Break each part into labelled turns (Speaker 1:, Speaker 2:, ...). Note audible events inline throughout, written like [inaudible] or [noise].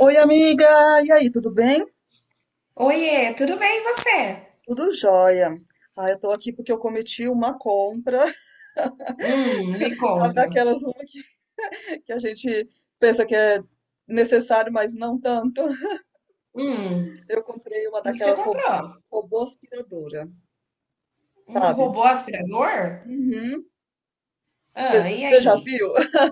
Speaker 1: Oi, amiga! E aí, tudo bem?
Speaker 2: Oiê, tudo bem e você?
Speaker 1: Tudo jóia. Eu tô aqui porque eu cometi uma compra,
Speaker 2: Me
Speaker 1: [laughs] sabe,
Speaker 2: conta.
Speaker 1: daquelas uma que a gente pensa que é necessário, mas não tanto.
Speaker 2: Hum,
Speaker 1: Eu comprei uma
Speaker 2: o que você
Speaker 1: daquelas ro
Speaker 2: comprou?
Speaker 1: robô aspiradora,
Speaker 2: Um
Speaker 1: sabe?
Speaker 2: robô aspirador? Ah, e
Speaker 1: Você já
Speaker 2: aí?
Speaker 1: viu? [laughs]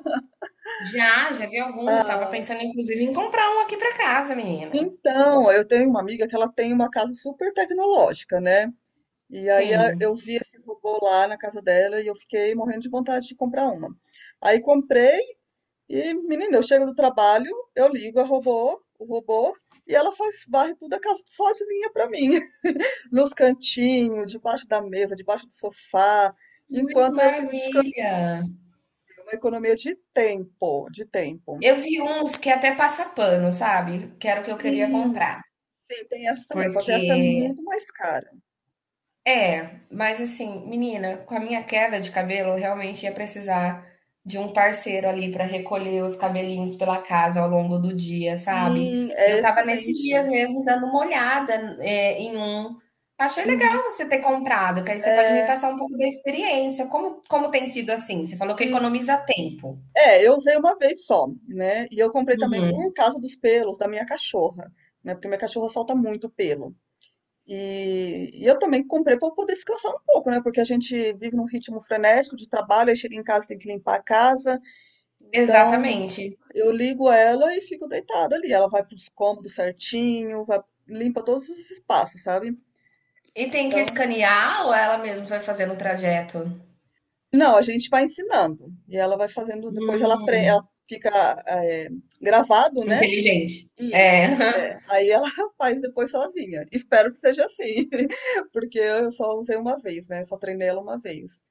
Speaker 2: Já vi alguns. Estava
Speaker 1: Ah,
Speaker 2: pensando, inclusive, em comprar um aqui para casa, menina.
Speaker 1: eu tenho uma amiga que ela tem uma casa super tecnológica, né? E aí eu
Speaker 2: Sim.
Speaker 1: vi esse robô lá na casa dela e eu fiquei morrendo de vontade de comprar uma. Aí comprei. E, menina, eu chego do trabalho, eu ligo o robô, e ela faz, varre tudo a casa só de linha pra mim. [laughs] Nos cantinhos, debaixo da mesa, debaixo do sofá,
Speaker 2: Ai, que
Speaker 1: enquanto eu fico descansando.
Speaker 2: maravilha!
Speaker 1: É uma economia de de tempo.
Speaker 2: Eu vi uns que até passa pano, sabe? Que era o que eu queria
Speaker 1: Sim,
Speaker 2: comprar.
Speaker 1: sim, tem essa também, só que
Speaker 2: Porque
Speaker 1: essa é muito mais cara.
Speaker 2: É, mas assim, menina, com a minha queda de cabelo, eu realmente ia precisar de um parceiro ali para recolher os cabelinhos pela casa ao longo do dia, sabe?
Speaker 1: Sim, é
Speaker 2: Eu tava nesses
Speaker 1: excelente.
Speaker 2: dias mesmo dando uma olhada, é, em um. Achei
Speaker 1: Uhum,
Speaker 2: legal você ter comprado, que aí você pode me
Speaker 1: é,
Speaker 2: passar um pouco da experiência. Como tem sido assim? Você falou que
Speaker 1: sim.
Speaker 2: economiza tempo.
Speaker 1: É, eu usei uma vez só, né? E eu comprei também por causa dos pelos da minha cachorra, né? Porque minha cachorra solta muito pelo. E eu também comprei para poder descansar um pouco, né? Porque a gente vive num ritmo frenético de trabalho, aí chega em casa tem que limpar a casa. Então
Speaker 2: Exatamente.
Speaker 1: eu ligo ela e fico deitada ali. Ela vai para os cômodos certinho, vai, limpa todos os espaços, sabe?
Speaker 2: E tem que
Speaker 1: Então,
Speaker 2: escanear ou ela mesma vai fazendo o trajeto?
Speaker 1: não, a gente vai ensinando. E ela vai fazendo, depois ela,
Speaker 2: Hum,
Speaker 1: ela fica eh, gravado, né?
Speaker 2: inteligente.
Speaker 1: Isso.
Speaker 2: É.
Speaker 1: É,
Speaker 2: [laughs]
Speaker 1: aí ela [laughs] faz depois sozinha. Espero que seja assim, [laughs] porque eu só usei uma vez, né? Só treinei ela uma vez.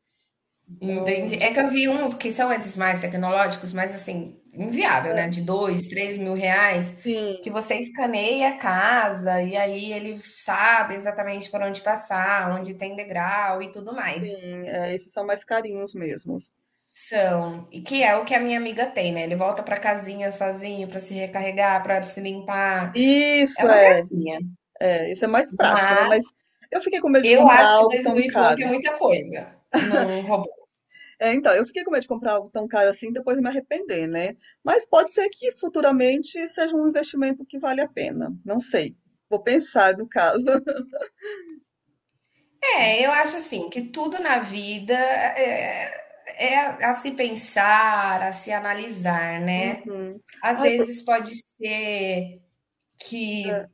Speaker 2: Entendi.
Speaker 1: Então,
Speaker 2: É que eu vi uns que são esses mais tecnológicos, mas assim, inviável,
Speaker 1: ah,
Speaker 2: né? De dois, três mil reais, que
Speaker 1: sim,
Speaker 2: você escaneia a casa e aí ele sabe exatamente por onde passar, onde tem degrau e tudo mais.
Speaker 1: sim, é, esses são mais carinhos mesmo.
Speaker 2: São, e que é o que a minha amiga tem, né? Ele volta pra casinha sozinho pra se recarregar, pra se limpar. É
Speaker 1: Isso
Speaker 2: uma
Speaker 1: é,
Speaker 2: gracinha.
Speaker 1: é, isso é mais prático, né?
Speaker 2: Mas
Speaker 1: Mas eu fiquei com medo de
Speaker 2: eu
Speaker 1: comprar
Speaker 2: acho que
Speaker 1: algo
Speaker 2: dois mil
Speaker 1: tão
Speaker 2: e pouco é
Speaker 1: caro.
Speaker 2: muita coisa num robô.
Speaker 1: É, então, eu fiquei com medo de comprar algo tão caro assim, e depois me arrepender, né? Mas pode ser que futuramente seja um investimento que vale a pena. Não sei. Vou pensar no caso. [laughs]
Speaker 2: É, eu acho assim que tudo na vida é, é a se pensar, a se analisar, né?
Speaker 1: Uhum.
Speaker 2: Às
Speaker 1: Ai, por-
Speaker 2: vezes pode ser
Speaker 1: é,
Speaker 2: que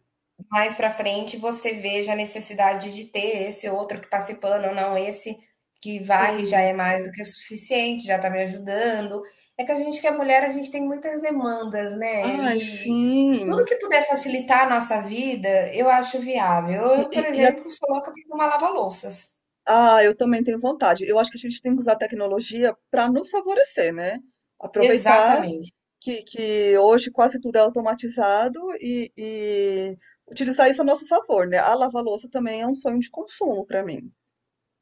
Speaker 2: mais para frente você veja a necessidade de ter esse outro que passe pano, ou não, esse que varre já é
Speaker 1: sim.
Speaker 2: mais do que o suficiente, já tá me ajudando. É que a gente que é mulher, a gente tem muitas demandas, né?
Speaker 1: Ai,
Speaker 2: E tudo
Speaker 1: sim.
Speaker 2: que puder facilitar a nossa vida, eu acho viável.
Speaker 1: E,
Speaker 2: Eu,
Speaker 1: e-
Speaker 2: por
Speaker 1: e
Speaker 2: exemplo, sou louca por uma lava-louças.
Speaker 1: Ah, eu também tenho vontade. Eu acho que a gente tem que usar a tecnologia para nos favorecer, né? Aproveitar
Speaker 2: Exatamente.
Speaker 1: que hoje quase tudo é automatizado e utilizar isso a nosso favor, né? A lava-louça também é um sonho de consumo para mim.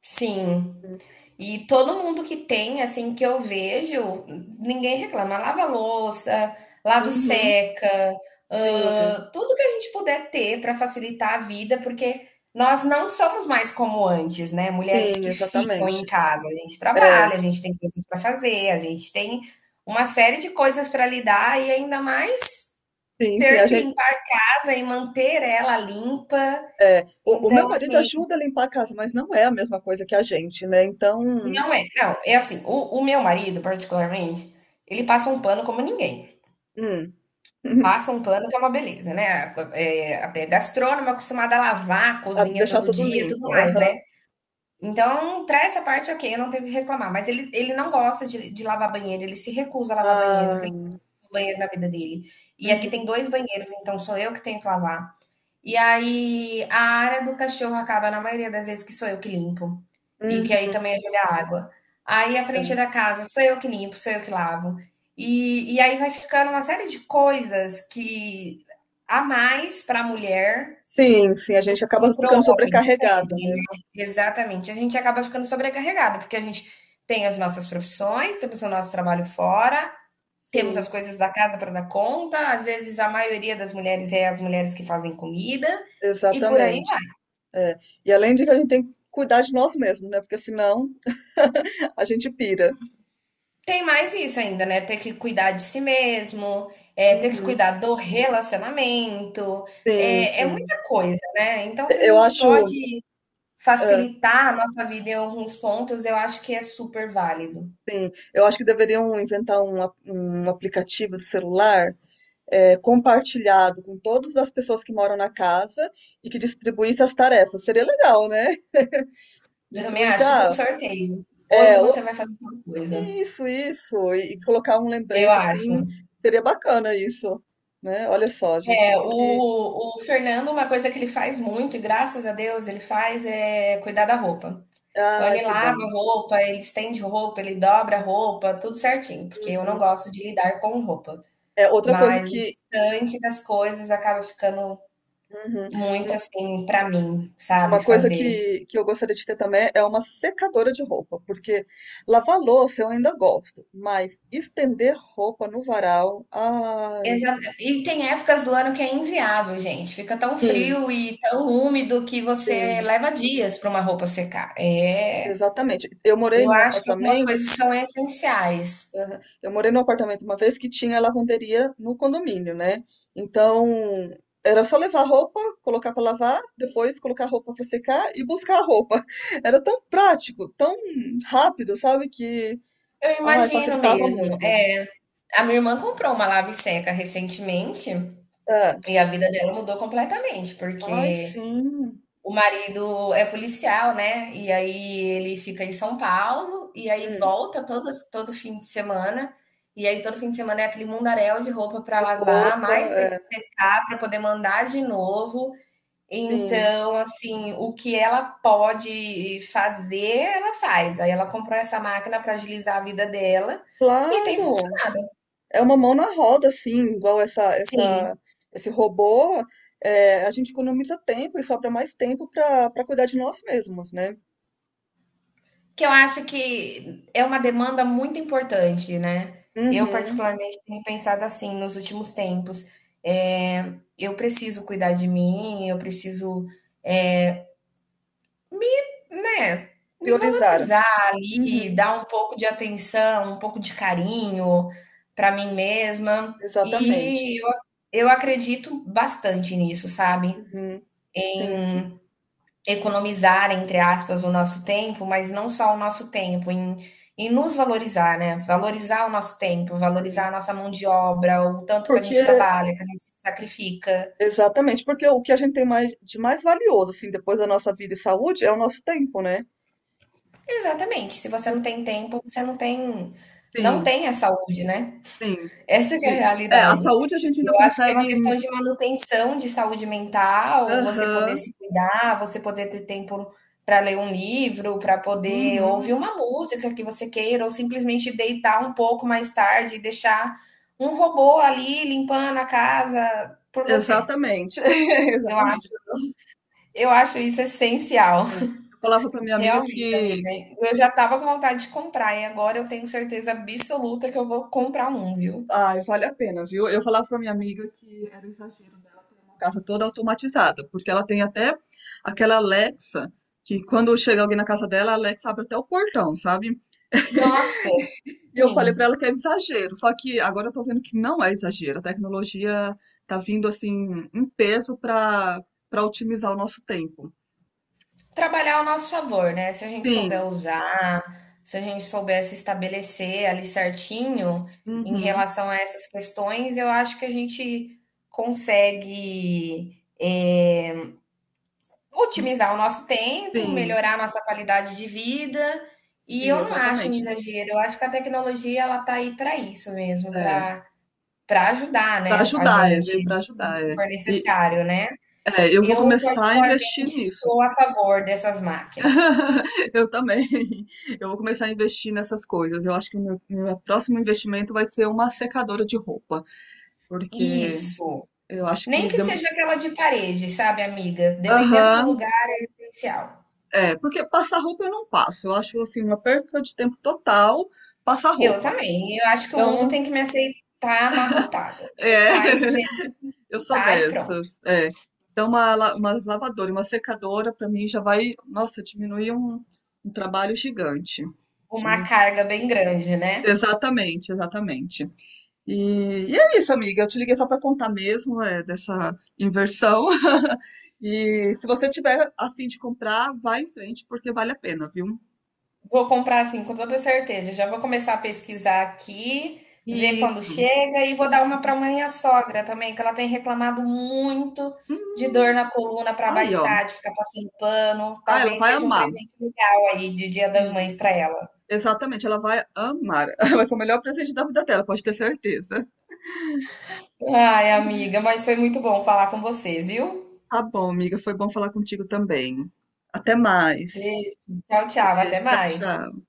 Speaker 2: Sim. E todo mundo que tem, assim, que eu vejo, ninguém reclama. Lava a louça, lava e
Speaker 1: Uhum,
Speaker 2: seca,
Speaker 1: sim,
Speaker 2: hã, tudo que a gente puder ter para facilitar a vida, porque nós não somos mais como antes, né, mulheres
Speaker 1: sim,
Speaker 2: que ficam em
Speaker 1: exatamente.
Speaker 2: casa. A gente
Speaker 1: É,
Speaker 2: trabalha, a gente tem coisas para fazer, a gente tem uma série de coisas para lidar e ainda mais
Speaker 1: sim, sim, a
Speaker 2: ter que
Speaker 1: gente,
Speaker 2: limpar a casa e manter ela limpa.
Speaker 1: é, o
Speaker 2: Então,
Speaker 1: meu marido
Speaker 2: assim,
Speaker 1: ajuda a limpar a casa, mas não é a mesma coisa que a gente, né? Então,
Speaker 2: não é, não, é assim, o meu marido particularmente, ele passa um pano como ninguém.
Speaker 1: hum, [laughs]
Speaker 2: Passa um pano que é uma beleza, né, até gastrônomo, acostumado a lavar
Speaker 1: a
Speaker 2: cozinha
Speaker 1: deixar
Speaker 2: todo
Speaker 1: tudo
Speaker 2: dia e tudo
Speaker 1: limpo.
Speaker 2: mais, né.
Speaker 1: Aham.
Speaker 2: Então, pra essa parte, ok, eu não tenho o que reclamar, mas ele não gosta de lavar banheiro, ele se recusa a lavar banheiro, porque
Speaker 1: Ah,
Speaker 2: ele não tem banheiro na vida dele. E aqui tem
Speaker 1: uhum,
Speaker 2: 2 banheiros, então sou eu que tenho que lavar. E aí a área do cachorro acaba na maioria das vezes que sou eu que limpo, e que
Speaker 1: uhum.
Speaker 2: aí também é jogar água. Aí a frente da
Speaker 1: É.
Speaker 2: casa sou eu que limpo, sou eu que lavo. E aí vai ficando uma série de coisas que há mais para a mulher
Speaker 1: Sim, sim, a
Speaker 2: do
Speaker 1: gente acaba
Speaker 2: que para o
Speaker 1: ficando
Speaker 2: homem,
Speaker 1: sobrecarregada,
Speaker 2: sempre,
Speaker 1: né.
Speaker 2: né. Exatamente, a gente acaba ficando sobrecarregado, porque a gente tem as nossas profissões, temos o nosso trabalho fora, temos
Speaker 1: Sim,
Speaker 2: as
Speaker 1: sim,
Speaker 2: coisas da casa para dar conta, às vezes a maioria das mulheres é as mulheres que fazem comida e por aí
Speaker 1: exatamente.
Speaker 2: vai.
Speaker 1: É. E além de que a gente tem que cuidar de nós mesmos, né, porque senão [laughs] a gente pira.
Speaker 2: Tem mais isso ainda, né? Ter que cuidar de si mesmo, é, ter que
Speaker 1: Uhum.
Speaker 2: cuidar do relacionamento,
Speaker 1: Sim,
Speaker 2: é, é
Speaker 1: sim.
Speaker 2: muita coisa, né? Então,
Speaker 1: E
Speaker 2: se a
Speaker 1: eu
Speaker 2: gente
Speaker 1: acho
Speaker 2: pode
Speaker 1: hã,
Speaker 2: facilitar a nossa vida em alguns pontos, eu acho que é super válido.
Speaker 1: sim, eu acho que deveriam inventar um a um aplicativo de celular, compartilhado com todas as pessoas que moram na casa e que distribuísse as tarefas. Seria legal, né. [laughs]
Speaker 2: Eu também
Speaker 1: Distribuísse,
Speaker 2: acho, tipo um
Speaker 1: ah,
Speaker 2: sorteio.
Speaker 1: é,
Speaker 2: Hoje você vai fazer tal coisa.
Speaker 1: isso, isso. E colocar um
Speaker 2: Eu
Speaker 1: lembrete
Speaker 2: acho.
Speaker 1: assim, seria bacana isso, né. Olha só, a gente
Speaker 2: É,
Speaker 1: tem que
Speaker 2: o Fernando, uma coisa que ele faz muito, e graças a Deus ele faz, é cuidar da roupa. Então
Speaker 1: ai,
Speaker 2: ele
Speaker 1: que
Speaker 2: lava
Speaker 1: bom.
Speaker 2: a roupa, ele estende roupa, ele dobra a roupa, tudo certinho, porque eu não
Speaker 1: Uhum.
Speaker 2: gosto de lidar com roupa.
Speaker 1: É, outra coisa
Speaker 2: Mas o
Speaker 1: que
Speaker 2: restante das coisas acaba ficando
Speaker 1: uhum.
Speaker 2: muito
Speaker 1: Uma
Speaker 2: assim para mim, sabe,
Speaker 1: uma coisa
Speaker 2: fazer.
Speaker 1: que eu gostaria de ter também é uma secadora de roupa, porque lavar louça eu ainda gosto, mas estender roupa no varal, ai.
Speaker 2: E tem épocas do ano que é inviável, gente. Fica tão
Speaker 1: Sim,
Speaker 2: frio e tão úmido que você
Speaker 1: sim,
Speaker 2: leva dias para uma roupa secar. É,
Speaker 1: exatamente. Eu morei
Speaker 2: eu
Speaker 1: num
Speaker 2: acho que algumas
Speaker 1: apartamento.
Speaker 2: coisas são essenciais.
Speaker 1: Aham. Eu morei num apartamento uma vez que tinha lavanderia no condomínio, né? Então, era só levar a roupa, colocar para lavar, depois colocar a roupa para secar e buscar a roupa. [laughs] Era tão prático, tão rápido, sabe? Que,
Speaker 2: Eu
Speaker 1: ai,
Speaker 2: imagino
Speaker 1: facilitava
Speaker 2: mesmo.
Speaker 1: muito.
Speaker 2: É, a minha irmã comprou uma lave seca recentemente
Speaker 1: É.
Speaker 2: e a vida dela mudou completamente,
Speaker 1: Ai,
Speaker 2: porque
Speaker 1: sim.
Speaker 2: o marido é policial, né? E aí ele fica em São Paulo e aí
Speaker 1: Hum,
Speaker 2: volta todo fim de semana. E aí todo fim de semana é aquele mundaréu de roupa para
Speaker 1: de
Speaker 2: lavar,
Speaker 1: roupa,
Speaker 2: mais ter
Speaker 1: é.
Speaker 2: que secar para poder mandar de novo.
Speaker 1: Sim.
Speaker 2: Então, assim, o que ela pode fazer, ela faz. Aí ela comprou essa máquina para agilizar a vida dela e tem.
Speaker 1: Claro. É uma mão na roda, assim, igual
Speaker 2: Sim,
Speaker 1: esse robô. É, a gente economiza tempo e sobra mais tempo para cuidar de nós mesmos, né?
Speaker 2: que eu acho que é uma demanda muito importante, né. Eu
Speaker 1: Uhum.
Speaker 2: particularmente tenho pensado assim nos últimos tempos, eu preciso cuidar de mim, eu preciso me, né, me
Speaker 1: Priorizar.
Speaker 2: valorizar ali,
Speaker 1: Uhum.
Speaker 2: dar um pouco de atenção, um pouco de carinho para mim mesma,
Speaker 1: Exatamente.
Speaker 2: e eu acredito bastante nisso, sabe.
Speaker 1: Uhum. Sim,
Speaker 2: Economizar, entre aspas, o nosso tempo, mas não só o nosso tempo, em nos valorizar, né? Valorizar o nosso tempo, valorizar a
Speaker 1: sim.
Speaker 2: nossa mão de obra, o tanto que a
Speaker 1: Porque,
Speaker 2: gente trabalha, que a gente se sacrifica.
Speaker 1: exatamente, porque o que a gente tem mais, de mais valioso, assim, depois da nossa vida e saúde, é o nosso tempo, né?
Speaker 2: Exatamente. Se
Speaker 1: E
Speaker 2: você
Speaker 1: o-
Speaker 2: não tem tempo, você não tem, não
Speaker 1: sim,
Speaker 2: tem a saúde, né?
Speaker 1: sim.
Speaker 2: Essa que é a
Speaker 1: Se, é, a
Speaker 2: realidade.
Speaker 1: saúde a gente ainda
Speaker 2: Eu acho que é uma questão
Speaker 1: consegue.
Speaker 2: de manutenção de saúde mental, você poder
Speaker 1: Aham,
Speaker 2: se cuidar, você poder ter tempo para ler um livro, para poder ouvir
Speaker 1: uhum,
Speaker 2: uma música que você queira, ou simplesmente deitar um pouco mais tarde e deixar um robô ali limpando a casa por você.
Speaker 1: exatamente. [laughs]
Speaker 2: Eu
Speaker 1: Exatamente.
Speaker 2: acho, eu acho isso essencial.
Speaker 1: É, eu falava pra minha amiga
Speaker 2: Realmente,
Speaker 1: que.
Speaker 2: amiga. Eu já estava com vontade de comprar e agora eu tenho certeza absoluta que eu vou comprar um, viu?
Speaker 1: Ai, vale a pena, viu? Eu falava pra minha amiga que era exagero dela ter uma casa toda automatizada, porque ela tem até aquela Alexa, que quando chega alguém na casa dela, a Alexa abre até o portão, sabe?
Speaker 2: Nossa,
Speaker 1: E eu falei pra
Speaker 2: sim.
Speaker 1: ela que era exagero, só que agora eu tô vendo que não é exagero. A tecnologia tá vindo assim em peso para otimizar o nosso tempo.
Speaker 2: Trabalhar ao nosso favor, né, se a gente souber
Speaker 1: Sim,
Speaker 2: usar, se a gente souber se estabelecer ali certinho em
Speaker 1: uhum,
Speaker 2: relação a essas questões, eu acho que a gente consegue, eh,
Speaker 1: hum,
Speaker 2: otimizar o nosso tempo,
Speaker 1: sim,
Speaker 2: melhorar a nossa qualidade de vida, e
Speaker 1: sim,
Speaker 2: eu não acho um
Speaker 1: exatamente.
Speaker 2: exagero, eu acho que a tecnologia ela tá aí para isso mesmo,
Speaker 1: É,
Speaker 2: para ajudar,
Speaker 1: para
Speaker 2: né, a
Speaker 1: ajudar, é,
Speaker 2: gente,
Speaker 1: veio para
Speaker 2: se
Speaker 1: ajudar, é.
Speaker 2: for
Speaker 1: E,
Speaker 2: necessário, né.
Speaker 1: é, eu vou
Speaker 2: Eu
Speaker 1: começar a investir
Speaker 2: particularmente
Speaker 1: nisso.
Speaker 2: estou a favor dessas máquinas.
Speaker 1: [laughs] Eu também. Eu vou começar a investir nessas coisas. Eu acho que o meu próximo investimento vai ser uma secadora de roupa, porque
Speaker 2: Isso.
Speaker 1: eu acho
Speaker 2: Nem
Speaker 1: que
Speaker 2: que
Speaker 1: dem-
Speaker 2: seja aquela de parede, sabe, amiga? Dependendo do
Speaker 1: aham,
Speaker 2: lugar, é essencial.
Speaker 1: é, porque passar roupa eu não passo. Eu acho assim uma perca de tempo total passar
Speaker 2: Eu
Speaker 1: roupa.
Speaker 2: também. Eu acho que o mundo
Speaker 1: Então,
Speaker 2: tem que me aceitar amarrotada. Eu
Speaker 1: é,
Speaker 2: saio do jeito
Speaker 1: [laughs] eu
Speaker 2: que
Speaker 1: sou
Speaker 2: tá e pronto.
Speaker 1: dessas. É. Então, uma lavadora, e uma secadora, para mim já vai, nossa, diminuir um trabalho gigante.
Speaker 2: Uma
Speaker 1: Né?
Speaker 2: carga bem grande, né?
Speaker 1: Exatamente, exatamente. E é isso, amiga. Eu te liguei só para contar mesmo é, dessa inversão. [laughs] E se você tiver a fim de comprar, vai em frente, porque vale a pena, viu?
Speaker 2: Vou comprar assim, com toda certeza. Já vou começar a pesquisar aqui, ver quando
Speaker 1: Isso.
Speaker 2: chega e vou dar uma para minha sogra também, que ela tem reclamado muito
Speaker 1: Hum,
Speaker 2: de dor na coluna para
Speaker 1: aí, ó.
Speaker 2: baixar, de ficar passando pano.
Speaker 1: Ah, ela
Speaker 2: Talvez
Speaker 1: vai
Speaker 2: seja um
Speaker 1: amar.
Speaker 2: presente legal aí de Dia das
Speaker 1: Sim.
Speaker 2: Mães para ela.
Speaker 1: Exatamente, ela vai amar. [laughs] Vai ser o melhor presente da vida dela, pode ter certeza.
Speaker 2: Ai, amiga, mas foi muito bom falar com você, viu?
Speaker 1: Tá bom, amiga. Foi bom falar contigo também. Até mais.
Speaker 2: Beijo. Tchau, tchau. Até
Speaker 1: Beijo, tchau,
Speaker 2: mais.
Speaker 1: tchau.